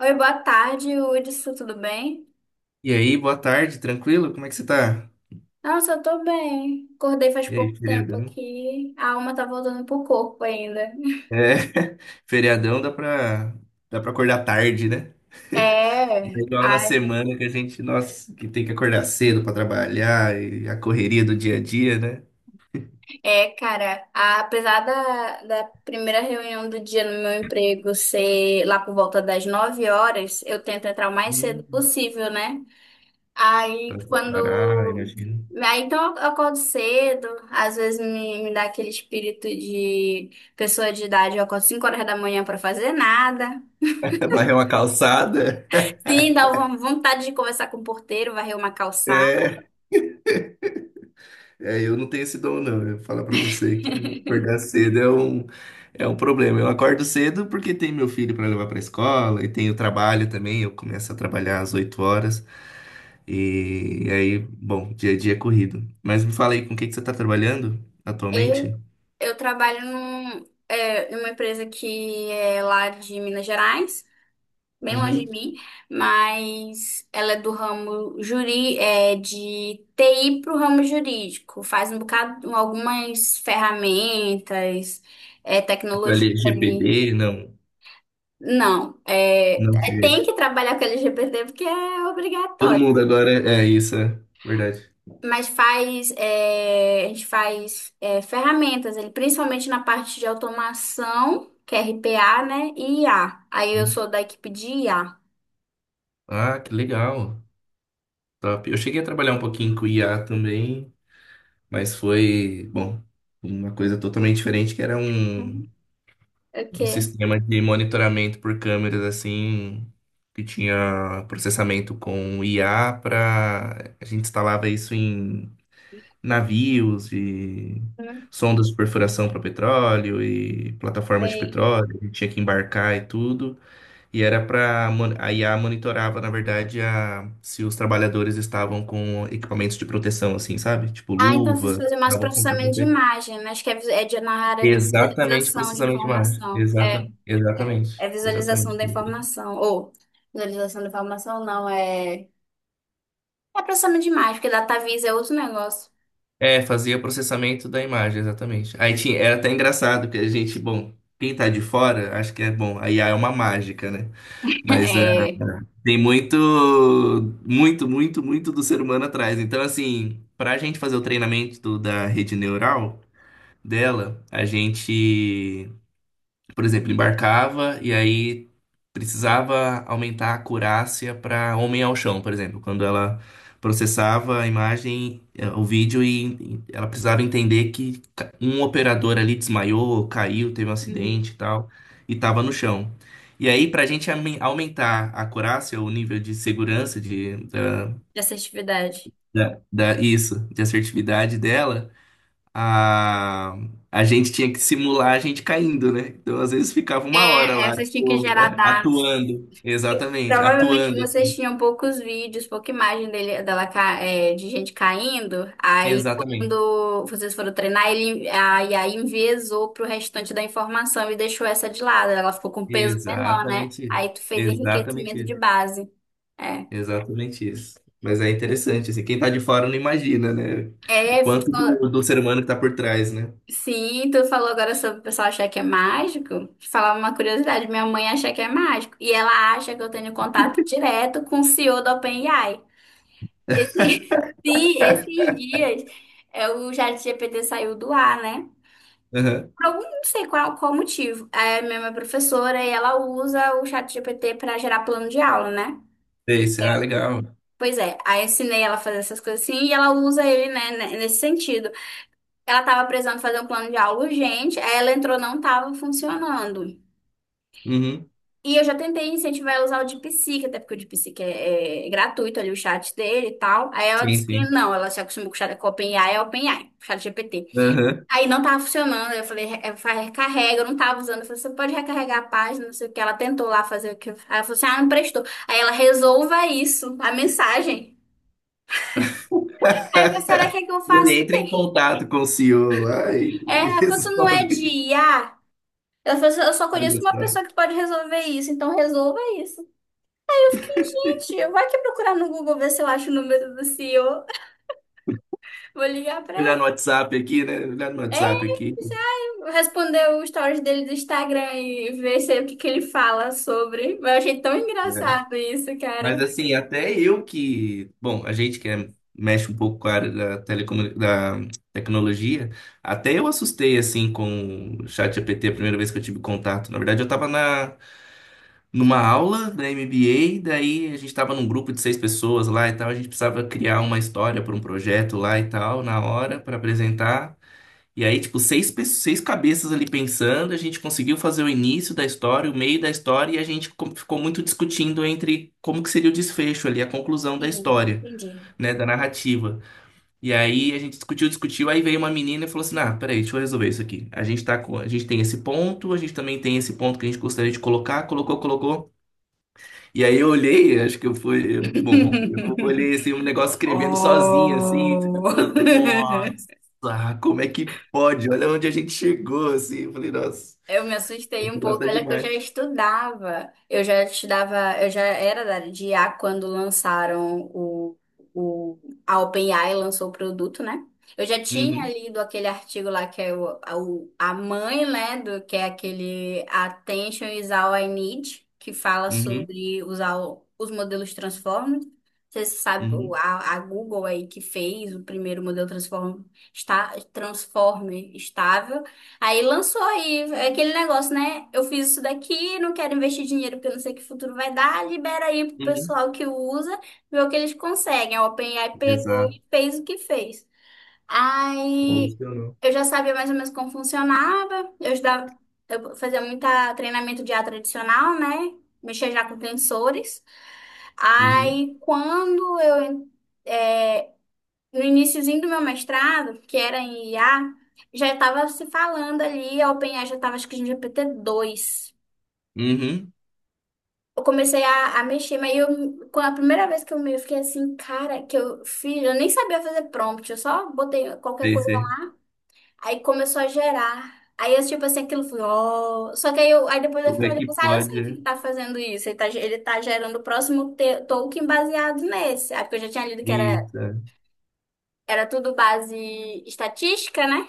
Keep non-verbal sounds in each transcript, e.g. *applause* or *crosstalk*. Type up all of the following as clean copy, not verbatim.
Oi, boa tarde, Hudson, tudo bem? E aí, boa tarde, tranquilo? Como é que você tá? Nossa, eu tô bem. Acordei faz E pouco aí, tempo feriadão? aqui. A alma tá voltando pro corpo ainda. É, *laughs* feriadão dá pra acordar tarde, né? *laughs* Não é É, igual na ai, semana que a gente, nossa, que tem que acordar cedo pra trabalhar e a correria do dia a dia, né? Cara, apesar da primeira reunião do dia no meu emprego ser lá por volta das 9 horas, eu tento entrar o mais cedo Hum, possível, né? Aí pra se preparar, quando. imagino. Aí então eu acordo cedo, às vezes me dá aquele espírito de pessoa de idade, eu acordo 5 horas da manhã pra fazer nada. *laughs* Varrer uma calçada. *laughs* Sim, dá uma vontade de conversar com o porteiro, varrer uma calçada. É. É, eu não tenho esse dom, não. Eu vou falar pra você que acordar cedo é é um problema. Eu acordo cedo porque tem meu filho pra levar pra escola e tem o trabalho também. Eu começo a trabalhar às 8 horas. E aí, bom, dia a dia é corrido. Mas me fala aí, com o que que você tá trabalhando Eu, atualmente? eu trabalho numa empresa que é lá de Minas Gerais, bem longe de Uhum. mim, mas ela é do ramo de TI para o ramo jurídico. Faz um bocado, algumas ferramentas, Tipo, tecnologia ali. LGPD? Não, Não, é, não é, tem sei. que trabalhar com LGBT porque é Todo obrigatório. mundo agora é isso, é verdade. Mas a gente faz ferramentas, ele, principalmente na parte de automação, que é RPA, né? E IA. Aí eu Uhum. sou da equipe de IA. Ah, que legal. Top. Eu cheguei a trabalhar um pouquinho com IA também. Mas foi, bom, uma coisa totalmente diferente, que era Uhum. O um quê? sistema de monitoramento por câmeras, assim, que tinha processamento com IA para... A gente instalava isso em navios e Não sondas de perfuração para petróleo e plataformas de sei. petróleo. A gente tinha que embarcar e tudo. E era para... A IA monitorava, na verdade, a, se os trabalhadores estavam com equipamentos de proteção, assim, sabe? Tipo Ah, então vocês luva, fazem mais dava conta. processamento de imagem, né? Acho que é na área de Exatamente, visualização de processamento de imagem. informação. É, Exata, é exatamente. visualização Exatamente. da informação. Ou visualização da informação, não, é, é processamento de imagem, porque DataVis é outro negócio. É, fazia processamento da imagem, exatamente. Aí tinha, era até engraçado que a gente, bom, quem tá de fora, acho que é bom, a IA é uma mágica, né? *laughs* Mas é, É. tem muito, muito, muito, muito do ser humano atrás. Então, assim, pra gente fazer o treinamento da rede neural dela, a gente. Por exemplo, embarcava e aí precisava aumentar a acurácia para homem ao chão, por exemplo, quando ela processava a imagem, o vídeo e ela precisava entender que um operador ali desmaiou, caiu, teve um Hum. acidente e tal, e estava no chão. E aí, para a gente aumentar a acurácia, o nível de segurança de, da, De assertividade. da, da- isso, de assertividade dela a, a gente tinha que simular a gente caindo, né? Então, às vezes, ficava uma hora É, lá, é, vocês tinham que tipo, gerar *laughs* dados. atuando. Exatamente, Provavelmente atuando, vocês assim. tinham poucos vídeos, pouca imagem dele, dela, ca- é, de gente caindo. Aí, Exatamente. quando vocês foram treinar, aí enviesou pro restante da informação e deixou essa de lado. Ela ficou com peso menor, né? Exatamente Aí isso. tu fez Exatamente enriquecimento de isso. base. É. Exatamente isso. Mas é interessante, assim, quem tá de fora não imagina, né? O É, tu quanto falou- do, do ser humano que tá por trás, né? sim, tu falou agora sobre o pessoal achar que é mágico. Te falar uma curiosidade, minha mãe acha que é mágico. E ela acha que eu tenho contato direto com o CEO da OpenAI. Esse, *laughs* sim, esses dias o ChatGPT saiu do ar, né? Aham. Por não sei qual motivo. É, a minha professora, e ela usa o ChatGPT para gerar plano de aula, né? Esse, ah, legal. Pois é, aí eu ensinei ela a fazer essas coisas assim e ela usa ele, nesse sentido. Ela tava precisando fazer um plano de aula urgente, aí ela entrou, não tava funcionando. Uhum. E eu já tentei incentivar ela a usar o DeepSeek, até porque o DeepSeek é gratuito ali, o chat dele e tal. Aí ela Sim, disse que sim. não, ela se acostumou com o chat com o OpenAI, o chat GPT. Aham. Aí não tava funcionando. Aí eu falei: recarrega, eu não tava usando." Eu falei: "Você pode recarregar a página, não sei o que. Ela tentou lá fazer Aí ela falou assim: "Ah, não prestou. Aí ela resolva isso, a mensagem." Aí eu falei: "Será que *laughs* eu faço Ele o entra em quê?" contato com o CEO. Ai, É, *laughs* ela falou: "Tu não é de resolve. IA?" Ela falou assim: "Eu só conheço Olha uma só. pessoa que pode resolver isso, então resolva isso." Eu fiquei: "Gente, vai que procurar no Google ver se eu acho o número do CEO. Vou ligar pra Olhar no ele. WhatsApp aqui, né? Olhar no WhatsApp aqui. Responder o stories dele do Instagram e ver se, é o que, que ele fala sobre." Mas eu achei tão É. engraçado isso, cara. Mas assim, até eu que. Bom, a gente que é- mexe um pouco com a área da, telecomu... da tecnologia, até eu assustei assim com o chat GPT a primeira vez que eu tive contato. Na verdade, eu estava na... numa aula da MBA, daí a gente estava num grupo de 6 pessoas lá e tal, a gente precisava criar uma história para um projeto lá e tal, na hora, para apresentar. E aí, tipo, seis cabeças ali pensando, a gente conseguiu fazer o início da história, o meio da história, e a gente ficou muito discutindo entre como que seria o desfecho ali, a conclusão da Sim, história, entendi. né, da narrativa. E aí a gente discutiu, discutiu, aí veio uma menina e falou assim, ah, peraí, deixa eu resolver isso aqui. A gente tá com, a gente tem esse ponto, a gente também tem esse ponto que a gente gostaria de colocar, colocou, colocou. E aí eu olhei, acho que eu fui, bom, eu *laughs* olhei assim, um negócio escrevendo sozinho, assim, falando, Oh! *laughs* nossa. Ah, como é que pode? Olha onde a gente chegou, assim. Eu falei, nossa, Eu me assustei um nossa, pouco, é olha que eu já demais. estudava. Eu já estudava, eu já era da área de IA quando lançaram o a OpenAI lançou o produto, né? Eu já tinha Uhum, lido aquele artigo lá que é a mãe, né, do que é aquele Attention is All I Need, que fala uhum, sobre usar os modelos Transformers. Você sabe, uhum, a Google aí que fez o primeiro modelo Transformer estável. Aí lançou aí é aquele negócio, né? Eu fiz isso daqui, não quero investir dinheiro porque eu não sei que futuro vai dar. Libera aí pro uhum. pessoal que usa, vê o que eles conseguem. A OpenAI pegou Exato, e fez o que fez. Aí evolucionou. eu já sabia mais ou menos como funcionava. Eu estudava, eu fazia muito treinamento de IA tradicional, né? Mexia já com tensores. Uhum, Aí no iniciozinho do meu mestrado, que era em IA, já estava se falando ali, a OpenAI já estava acho que em GPT 2. uhum. Eu comecei a mexer, com a primeira vez que eu fiquei assim, cara, que eu fiz, eu nem sabia fazer prompt, eu só botei qualquer Sei, coisa sei. lá. Aí começou a gerar. Aí aquilo foi, ó. Só que aí depois eu Como fiquei é olhando e que pensei: "Ah, eu pode? sei que É? ele tá fazendo isso, ele ele tá gerando o próximo token baseado nesse." Aí porque eu já tinha lido que Isso. É. era tudo base estatística, né?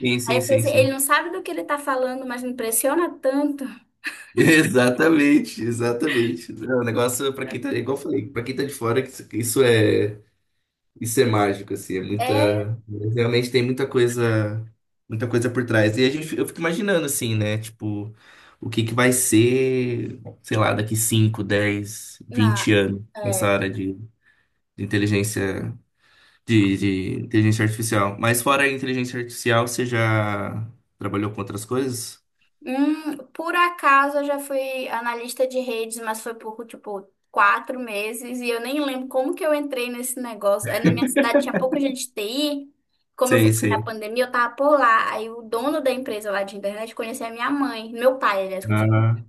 Sim, Aí sim, eu sim, pensei: ele sim. não sabe do que ele tá falando, mas me impressiona tanto. *laughs* Exatamente, exatamente. É um negócio, para quem tá, igual eu falei, para quem tá de fora, isso isso é. Isso é mágico, assim, é muita. É, Realmente tem muita coisa por trás. E a gente, eu fico imaginando, assim, né? Tipo, o que que vai ser, sei lá, daqui cinco dez na, vinte anos nessa é. área de inteligência, de inteligência artificial. Mas fora a inteligência artificial, você já trabalhou com outras coisas? Por acaso eu já fui analista de redes, mas foi por, tipo, 4 meses e eu nem lembro como que eu entrei nesse negócio. É, na minha cidade tinha pouca gente de TI, como eu fui Sei, na sei. pandemia, eu tava por lá. Aí o dono da empresa lá de internet conhecia a minha mãe, meu pai, aliás, conhecia. Ah,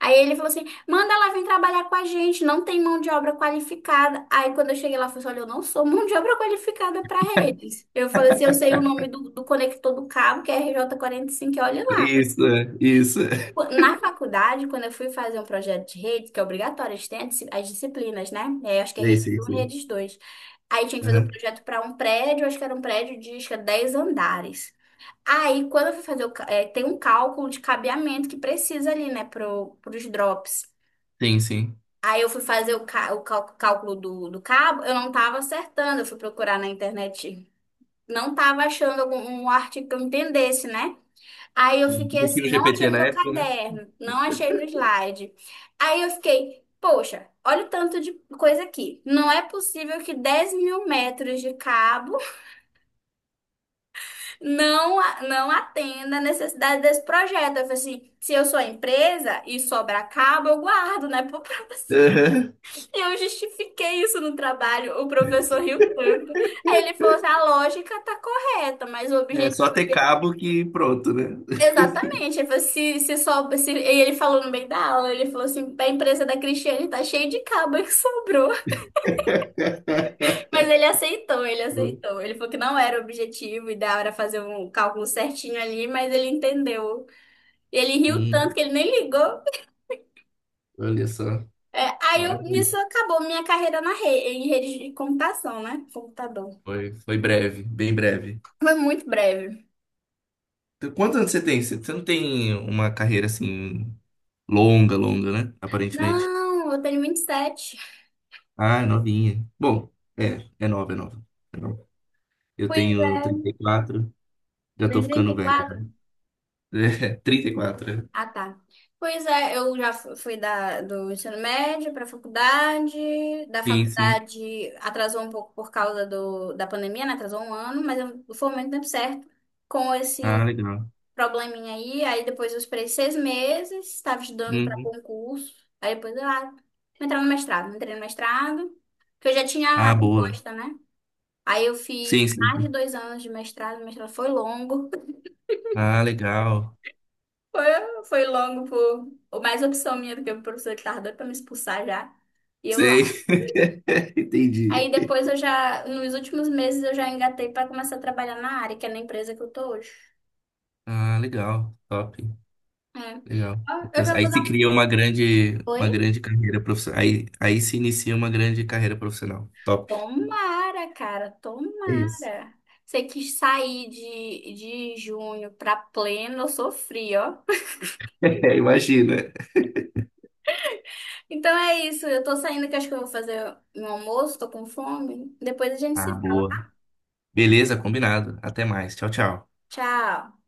Aí ele falou assim: manda ela vir trabalhar com a gente, não tem mão de obra qualificada. Aí quando eu cheguei lá, eu falei assim: olha, eu não sou mão de obra qualificada para redes. Eu falei assim: eu sei o nome do conector do cabo, que é RJ45, e olha lá. isso, é, isso. *laughs* Na faculdade, quando eu fui fazer um projeto de rede, que é obrigatório, a gente tem as disciplinas, né? É, acho que é Sei, rede sei, um, e sei. redes 2. Aí tinha que fazer um Aham. projeto para um prédio, acho que era um prédio de acho que é 10 andares. Aí, quando eu fui fazer tem um cálculo de cabeamento que precisa ali, né, pros drops. Sim, sim. Aí eu fui fazer o, cá- o cal- cálculo do cabo, eu não tava acertando, eu fui procurar na internet, não tava achando algum um artigo que eu entendesse, né? Aí eu fiquei Não tinha o assim, não achei GPT no na meu época, né? caderno, não achei no slide. Aí eu fiquei: poxa, olha o tanto de coisa aqui. Não é possível que 10 mil metros de cabo não atenda a necessidade desse projeto. Eu falei assim: se eu sou a empresa e sobrar cabo, eu guardo, né? *laughs* Eu justifiquei isso no trabalho, o professor riu tanto. Aí ele falou assim: a lógica tá correta, mas o É só objetivo... ter cabo que pronto, né? é exatamente, ele falou, se só... Se... E ele falou no meio da aula, ele falou assim: a empresa da Cristiane tá cheia de cabo que sobrou. *laughs* Mas ele *laughs* aceitou, ele aceitou. Ele falou que não era o objetivo, e da hora fazer um cálculo certinho ali, mas ele entendeu. E ele riu tanto Hum, que ele nem ligou. olha só, É, aí eu, maravilha. nisso acabou minha carreira na rede, em rede de computação, né? Computador. Foi, foi breve, bem breve. Foi muito breve. Então, quantos anos você tem? Você não tem uma carreira assim longa, longa, né? Aparentemente. Não, eu tenho 27. Ah, é novinha. Bom, é, é nova, é nova. É nova. Eu Pois é, tenho 34, já tu tô tem trinta ficando e velho. quatro. *laughs* É, 34. É. Ah, tá. Pois é, eu já fui do ensino médio para faculdade. Da Sim, sim. faculdade atrasou um pouco por causa da pandemia, né? Atrasou 1 ano, mas eu formei no tempo certo com esse Ah, legal. probleminha aí. Aí depois eu esperei 6 meses, estava estudando para Uhum. concurso. Aí depois eu ah, vou entrar no mestrado. Entrei no mestrado, que eu já tinha a Ah, boa. proposta, né? Aí eu Sim, fiz sim, mais de sim. 2 anos de mestrado, o mestrado foi longo. Ah, legal. Foi, foi longo, por mais opção minha do que o professor que tava doido pra me expulsar já. E eu lá. Sei. *laughs* Aí Entendi. depois eu já, nos últimos meses, eu já engatei pra começar a trabalhar na área, que é na empresa que eu tô hoje. Ah, legal. Top. É. Legal. Ó, eu já Aí vou dar. se Um? cria uma Oi? grande carreira profissional. Aí, aí se inicia uma grande carreira profissional. Top. Tomara, cara, É isso. tomara. Você quis sair de junho pra pleno, eu sofri, ó. *laughs* Imagina. Então é isso, eu tô saindo que acho que eu vou fazer um almoço, tô com fome. Depois a gente se Ah, fala. boa. Beleza, combinado. Até mais. Tchau, tchau. Tchau.